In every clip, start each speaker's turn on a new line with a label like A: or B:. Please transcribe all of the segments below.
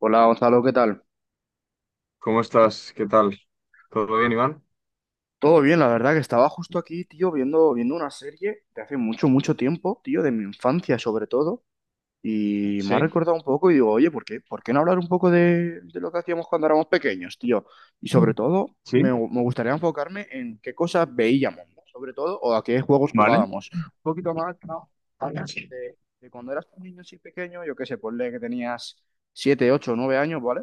A: Hola Gonzalo, ¿qué tal?
B: ¿Cómo estás? ¿Qué tal? ¿Todo bien, Iván?
A: Todo bien, la verdad que estaba justo aquí, tío, viendo una serie de hace mucho, mucho tiempo, tío, de mi infancia sobre todo, y me ha
B: Sí,
A: recordado un poco y digo, oye, ¿por qué no hablar un poco de lo que hacíamos cuando éramos pequeños, tío? Y sobre todo,
B: sí,
A: me gustaría enfocarme en qué cosas veíamos, ¿no? Sobre todo, o a qué juegos
B: vale.
A: jugábamos. Un poquito más, ¿no?
B: Hola, sí.
A: De cuando eras un niño así pequeño, yo qué sé, ponle que tenías 7, 8, 9 años, ¿vale?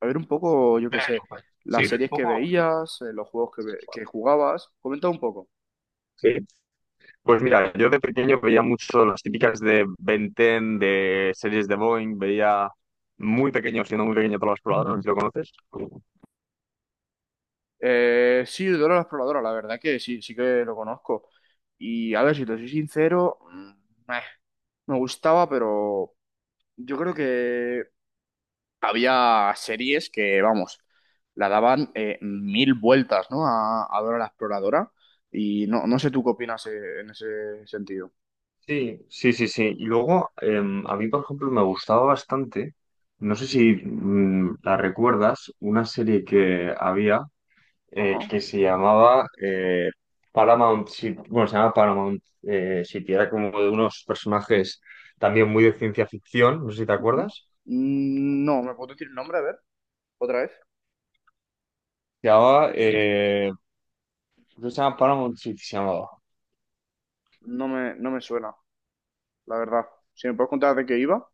A: A ver un poco, yo qué sé,
B: Sí,
A: las
B: un
A: series que
B: poco-
A: veías, los juegos que jugabas. Comenta un poco.
B: sí. Pues mira, yo de pequeño veía mucho las típicas de Ben 10, de series de Boeing, veía muy pequeño, siendo muy pequeño, todos los exploradores, ¿lo conoces?
A: Sí, Dora la Exploradora, la verdad que sí, sí que lo conozco. Y a ver, si te soy sincero, me gustaba, pero yo creo que había series que, vamos, la daban mil vueltas, ¿no? A Dora la Exploradora. Y no, no sé tú qué opinas en ese sentido.
B: Sí, sí, sí, sí. Y luego, a mí, por ejemplo, me gustaba bastante, no sé si la recuerdas, una serie que había,
A: Ajá.
B: que se llamaba Paramount City. Bueno, se llama Paramount City, era como de unos personajes también muy de ciencia ficción, no sé si te
A: Ujú.
B: acuerdas.
A: Mm, no, ¿me puedo decir el nombre? A ver, otra vez.
B: Se llamaba, creo que se llama Paramount City, se llamaba.
A: No me suena, la verdad. Si me puedes contar de qué iba.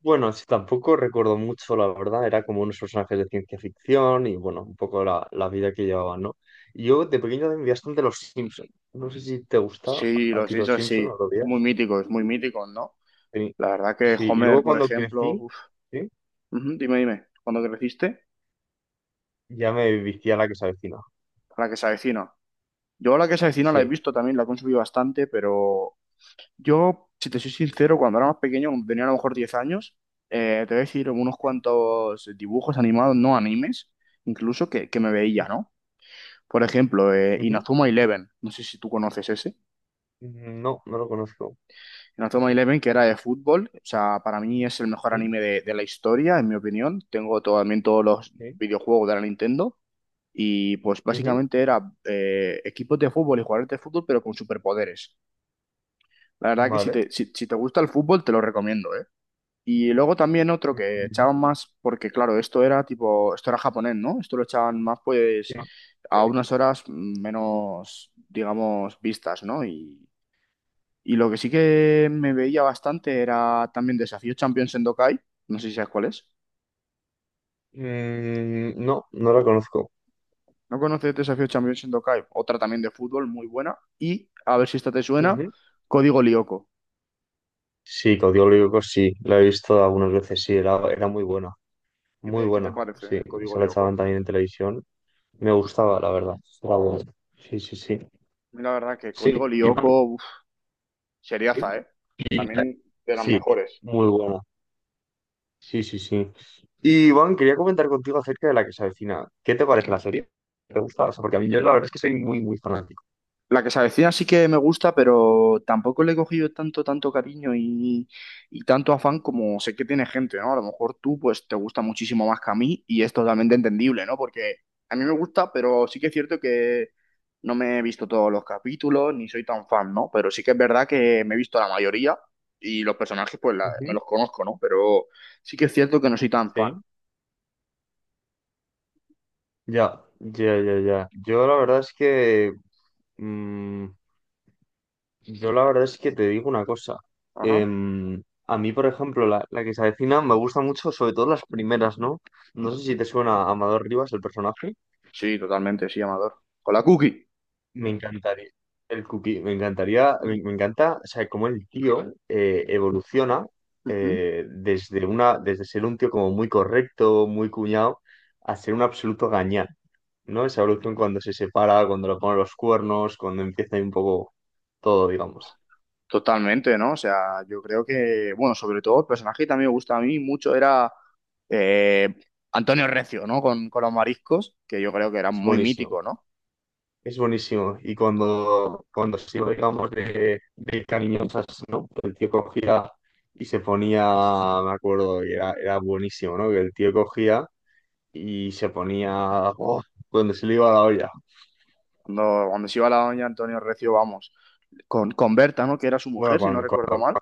B: Bueno, sí, tampoco recuerdo mucho, la verdad, era como unos personajes de ciencia ficción y bueno, un poco la vida que llevaban, ¿no? Yo de pequeño también vi bastante Los Simpson. No sé si te gusta
A: Sí,
B: a
A: los
B: ti Los
A: hechos
B: Simpson
A: sí.
B: o lo veías.
A: Muy míticos, ¿no?
B: Sí,
A: La verdad que
B: sí, y
A: Homer,
B: luego
A: por
B: cuando
A: ejemplo.
B: crecí,
A: Uf.
B: ¿sí?
A: Ujú, dime, dime. ¿Cuándo creciste?
B: Ya me vicié a la que se avecina.
A: La que se avecina. Yo la que se avecina la he
B: Sí.
A: visto también, la he consumido bastante, pero yo, si te soy sincero, cuando era más pequeño, cuando tenía a lo mejor 10 años, te voy a decir unos
B: Sí.
A: cuantos dibujos animados, no animes, incluso que me
B: Sí.
A: veía, ¿no? Por ejemplo,
B: Ujú.
A: Inazuma Eleven. No sé si tú conoces ese.
B: No, no lo conozco.
A: Inazuma Eleven, que era de fútbol, o sea, para mí es el mejor
B: Sí,
A: anime de la historia, en mi opinión. Tengo también todos los
B: sí.
A: videojuegos de la Nintendo y pues
B: Ujú.
A: básicamente era equipos de fútbol y jugadores de fútbol, pero con superpoderes. La verdad que si
B: Vale.
A: te, si, si te gusta el fútbol, te lo recomiendo, ¿eh? Y luego también otro que echaban
B: Ujú.
A: más, porque claro, esto era tipo, esto era japonés, ¿no? Esto lo echaban más
B: Sí.
A: pues a unas horas menos, digamos, vistas, ¿no? Y lo que sí que me veía bastante era también Desafío Champions Sendokai. No sé si sabes cuál es.
B: Mm, no, no la conozco.
A: ¿No conoces Desafío Champions Sendokai? Otra también de fútbol, muy buena. Y, a ver si esta te suena,
B: Ujú.
A: Código Lyoko.
B: Sí, Código Lyrico sí, la he visto algunas veces, sí, era muy
A: Qué te
B: buena,
A: parece
B: sí,
A: el Código
B: esa la echaban
A: Lyoko?
B: también en televisión, me gustaba, la verdad, era buena. Sí, sí, sí,
A: A mí la verdad que Código
B: sí, y bueno,
A: Lyoko, uf,
B: sí,
A: seriaza, ¿eh?
B: y-
A: También de las
B: sí,
A: mejores.
B: muy buena, sí, sí, sí. Y Iván, quería comentar contigo acerca de la que se avecina. ¿Qué te parece la serie? ¿Te gusta? O sea, porque a mí, yo la verdad es que soy muy, muy fanático.
A: La que se avecina sí que me gusta, pero tampoco le he cogido tanto, tanto cariño y tanto afán como sé que tiene gente, ¿no? A lo mejor tú, pues, te gusta muchísimo más que a mí y es totalmente entendible, ¿no? Porque a mí me gusta, pero sí que es cierto que no me he visto todos los capítulos ni soy tan fan, ¿no? Pero sí que es verdad que me he visto la mayoría y los personajes, pues, me
B: Ujú,
A: los conozco, ¿no? Pero sí que es cierto que no soy tan fan.
B: sí. Ya, ya, ya, ya. Yo la verdad es que, mm, yo la verdad es que te digo una cosa.
A: Ajá.
B: Em, a mí, por ejemplo, la que se avecina me gusta mucho, sobre todo las primeras, ¿no? No sé si te suena a Amador Rivas, el personaje.
A: Sí, totalmente, sí, Amador. Con la cookie.
B: Me encantaría. El cookie, me encantaría, me encanta, o sea, cómo el tío evoluciona
A: Ujú.
B: desde una, desde ser un tío como muy correcto, muy cuñado, a ser un absoluto gañán, ¿no? Esa evolución cuando se separa, cuando le ponen los cuernos, cuando empieza ahí un poco todo, digamos.
A: Totalmente, ¿no? O sea, yo creo que, bueno, sobre todo el personaje que también me gusta a mí mucho era eh, Antonio Recio, ¿no? Con los mariscos, que yo creo que era
B: Es
A: muy
B: buenísimo,
A: mítico, ¿no?
B: es buenísimo. Y cuando, cuando se iba, digamos, de cariñosas, ¿no? El tío cogía y se ponía, me acuerdo, y era, era buenísimo, ¿no? Que el tío cogía y se ponía oh, cuando se le iba la olla.
A: Cuando se iba la doña Antonio Recio, vamos, con Berta, ¿no? Que era su
B: Bueno,
A: mujer, si no recuerdo mal.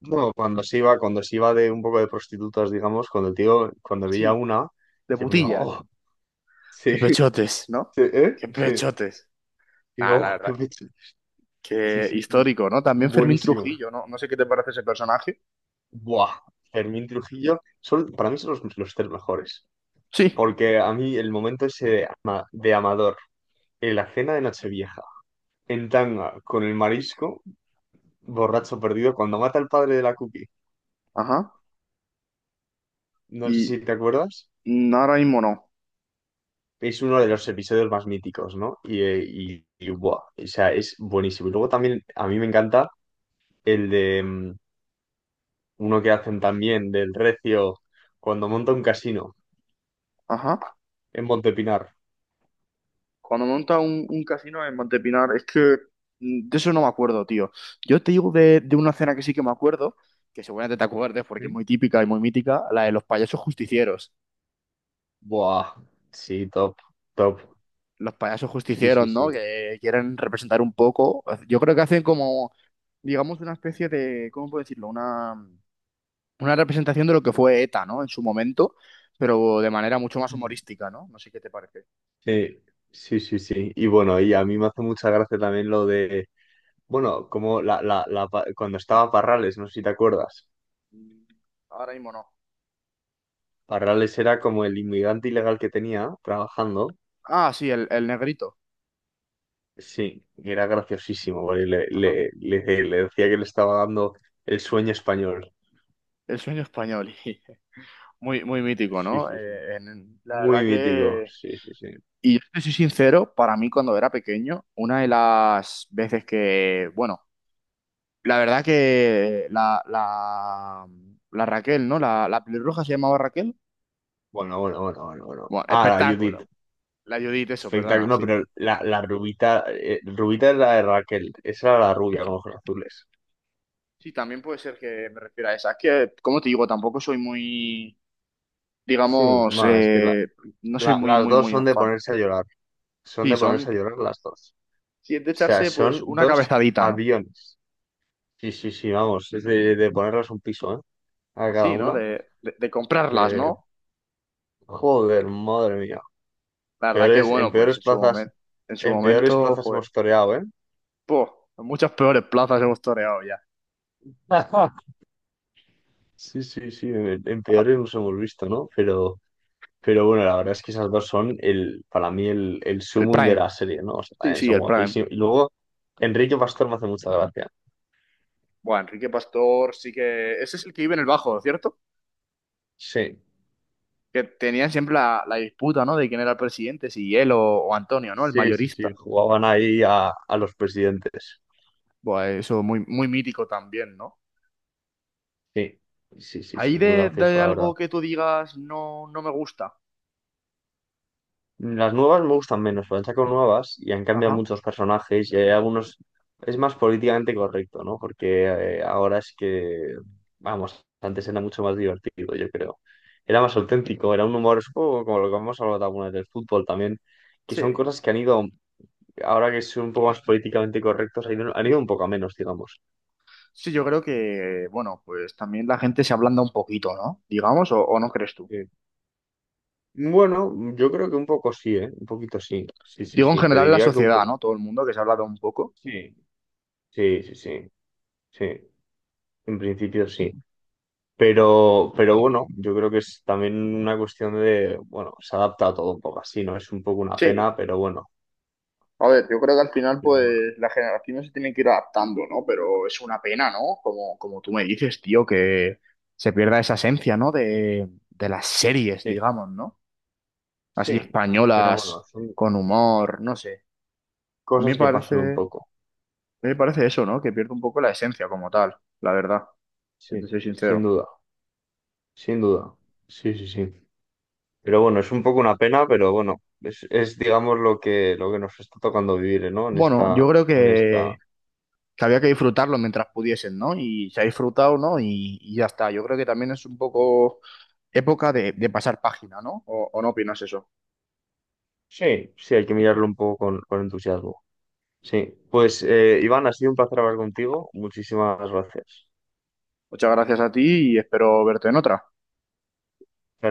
B: no, cuando se iba de un poco de prostitutas, digamos, cuando el tío, cuando
A: Sí,
B: veía una,
A: de
B: se ponía,
A: putilla.
B: oh, sí,
A: Qué
B: sí,
A: pechotes, ¿no?
B: ¿eh?
A: Qué
B: Sí.
A: pechotes.
B: Y
A: Nada, la
B: oh, qué
A: verdad.
B: pecho. Sí,
A: Qué
B: sí, sí.
A: histórico, ¿no? También Fermín
B: Buenísimo.
A: Trujillo, ¿no? No sé qué te parece ese personaje.
B: Buah. Fermín Trujillo, son, para mí son los tres mejores.
A: Sí.
B: Porque a mí el momento ese de, de Amador, en la cena de Nochevieja, en tanga, con el marisco, borracho perdido, cuando mata al padre de la cookie,
A: Ajá.
B: no sé
A: Y
B: si te acuerdas,
A: ahora mismo no.
B: es uno de los episodios más míticos, ¿no? Y, buah, o sea, es buenísimo. Y luego también a mí me encanta el de uno que hacen también del Recio cuando monta un casino
A: Ajá.
B: en Montepinar.
A: Cuando monta un casino en Montepinar, es que de eso no me acuerdo, tío. Yo te digo de una cena que sí que me acuerdo, que seguramente te acuerdes porque es
B: ¿Mm?
A: muy típica y muy mítica, la de los payasos justicieros.
B: Buah, sí, top, top.
A: Los payasos
B: Sí,
A: justicieros,
B: sí,
A: ¿no?
B: sí.
A: Que quieren representar un poco. Yo creo que hacen como, digamos, una especie de, ¿cómo puedo decirlo? Una representación de lo que fue ETA, ¿no? En su momento, pero de manera mucho más
B: Mm.
A: humorística, ¿no? No sé qué te parece.
B: Sí, sí, sí, sí. Y bueno, y a mí me hace mucha gracia también lo de, bueno, como cuando estaba Parrales, no sé si te acuerdas.
A: Mm, ahora mismo no.
B: Parrales era como el inmigrante ilegal que tenía trabajando.
A: Ah, sí, el negrito.
B: Sí, y era graciosísimo, porque
A: Ajá.
B: le decía que le estaba dando el sueño español.
A: El sueño español. Muy, muy mítico,
B: Sí,
A: ¿no?
B: sí, sí.
A: La
B: Muy
A: verdad
B: mítico.
A: que...
B: Sí, sí, sí.
A: Y yo te soy sincero, para mí cuando era pequeño, una de las veces que, bueno, la verdad que la Raquel, ¿no? La pelirroja se llamaba Raquel.
B: Bueno, bueno, bueno, bueno, bueno.
A: Bueno,
B: Ah, la Judith.
A: espectáculo. La Judith, eso,
B: Espectáculo.
A: perdona,
B: No,
A: sí.
B: pero la rubita, rubita es la de Raquel. Esa era la rubia con ojos azules.
A: Sí, también puede ser que me refiera a esa. Es que, como te digo, tampoco soy muy,
B: Sí,
A: digamos,
B: más,
A: no soy
B: la-
A: muy,
B: las
A: muy,
B: dos
A: muy
B: son de
A: fan.
B: ponerse a llorar. Son
A: Sí,
B: de ponerse a
A: son,
B: llorar las dos. O
A: si es de
B: sea,
A: echarse, pues,
B: son
A: una
B: dos
A: cabezadita, ¿no?
B: aviones. Sí, sí, sí, vamos. Es de ponerles un piso, ¿eh? A cada
A: Sí, ¿no?
B: una.
A: De comprarlas,
B: Porque
A: ¿no?
B: joder, madre mía.
A: La verdad que
B: Peores,
A: bueno, pues en su
B: en peores
A: momento,
B: plazas
A: joder,
B: hemos toreado, ¿eh?
A: po, en muchas peores plazas hemos toreado ya.
B: Sí, sí, sí, en
A: Ah,
B: peores nos hemos visto, ¿no? Pero bueno, la verdad es que esas dos son el, para mí el
A: el
B: sumum de
A: Prime.
B: la serie, ¿no? O sea,
A: Sí,
B: también
A: sí,
B: son
A: el Prime.
B: guapísimos. Y luego, Enrique Pastor me hace mucha gracia.
A: Bueno, Enrique Pastor sí que... Ese es el que vive en el Bajo, ¿cierto?
B: Sí,
A: Que tenían siempre la disputa, ¿no? De quién era el presidente, si él o Antonio, ¿no? El
B: sí, sí, sí,
A: mayorista.
B: jugaban ahí a los presidentes.
A: Bueno, eso muy, muy mítico también, ¿no?
B: Sí, sí, sí,
A: Ahí
B: sí, muy gracioso,
A: de
B: la verdad.
A: algo que tú digas no, no me gusta.
B: Las nuevas me gustan menos, pero han sacado nuevas y han cambiado
A: Ajá.
B: muchos personajes y hay algunos... Es más políticamente correcto, ¿no? Porque ahora es que, vamos, antes era mucho más divertido, yo creo. Era más auténtico, era un humor, es un poco como lo que hemos hablado alguna vez del fútbol también, que son
A: Sí.
B: cosas que han ido, ahora que son un poco más políticamente correctos, han ido un poco a menos, digamos.
A: Sí, yo creo que, bueno, pues también la gente se ablanda un poquito, ¿no? Digamos, o no crees tú?
B: Eh, Bueno, yo creo que un poco sí, ¿eh? Un poquito sí. Sí, sí,
A: Digo en
B: sí. Te
A: general la
B: diría que un
A: sociedad,
B: poco...
A: ¿no? Todo el mundo que se ha hablado un poco.
B: Sí, sí, sí, sí. Sí, en principio sí. Pero bueno, yo creo que es también una cuestión de, bueno, se adapta a todo un poco así, ¿no? Es un poco una
A: Sí,
B: pena,
A: a ver, yo creo que al final
B: pero
A: pues
B: bueno,
A: las generaciones se tienen que ir adaptando, ¿no? Pero es una pena, ¿no? Como, como tú me dices, tío, que se pierda esa esencia, ¿no? De las series,
B: sí,
A: digamos, ¿no? Así
B: sí, pero bueno,
A: españolas,
B: son
A: con humor, no sé. A mí me
B: cosas que
A: parece,
B: pasan un
A: a
B: poco,
A: mí me parece eso, ¿no? Que pierde un poco la esencia como tal, la verdad, si te
B: sí,
A: soy
B: sin
A: sincero.
B: duda, sin duda, sí, sí, sí. Pero bueno, es un poco una pena, pero bueno, es digamos lo que nos está tocando vivir, ¿no?
A: Bueno, yo creo
B: En esta.
A: que había que disfrutarlo mientras pudiesen, ¿no? Y se ha disfrutado, ¿no? Y ya está. Yo creo que también es un poco época de pasar página, ¿no? ¿O no opinas eso?
B: Sí, sí, hay que mirarlo un poco con entusiasmo. Sí, pues Iván, ha sido un placer hablar contigo. Muchísimas gracias.
A: Muchas gracias a ti y espero verte en otra.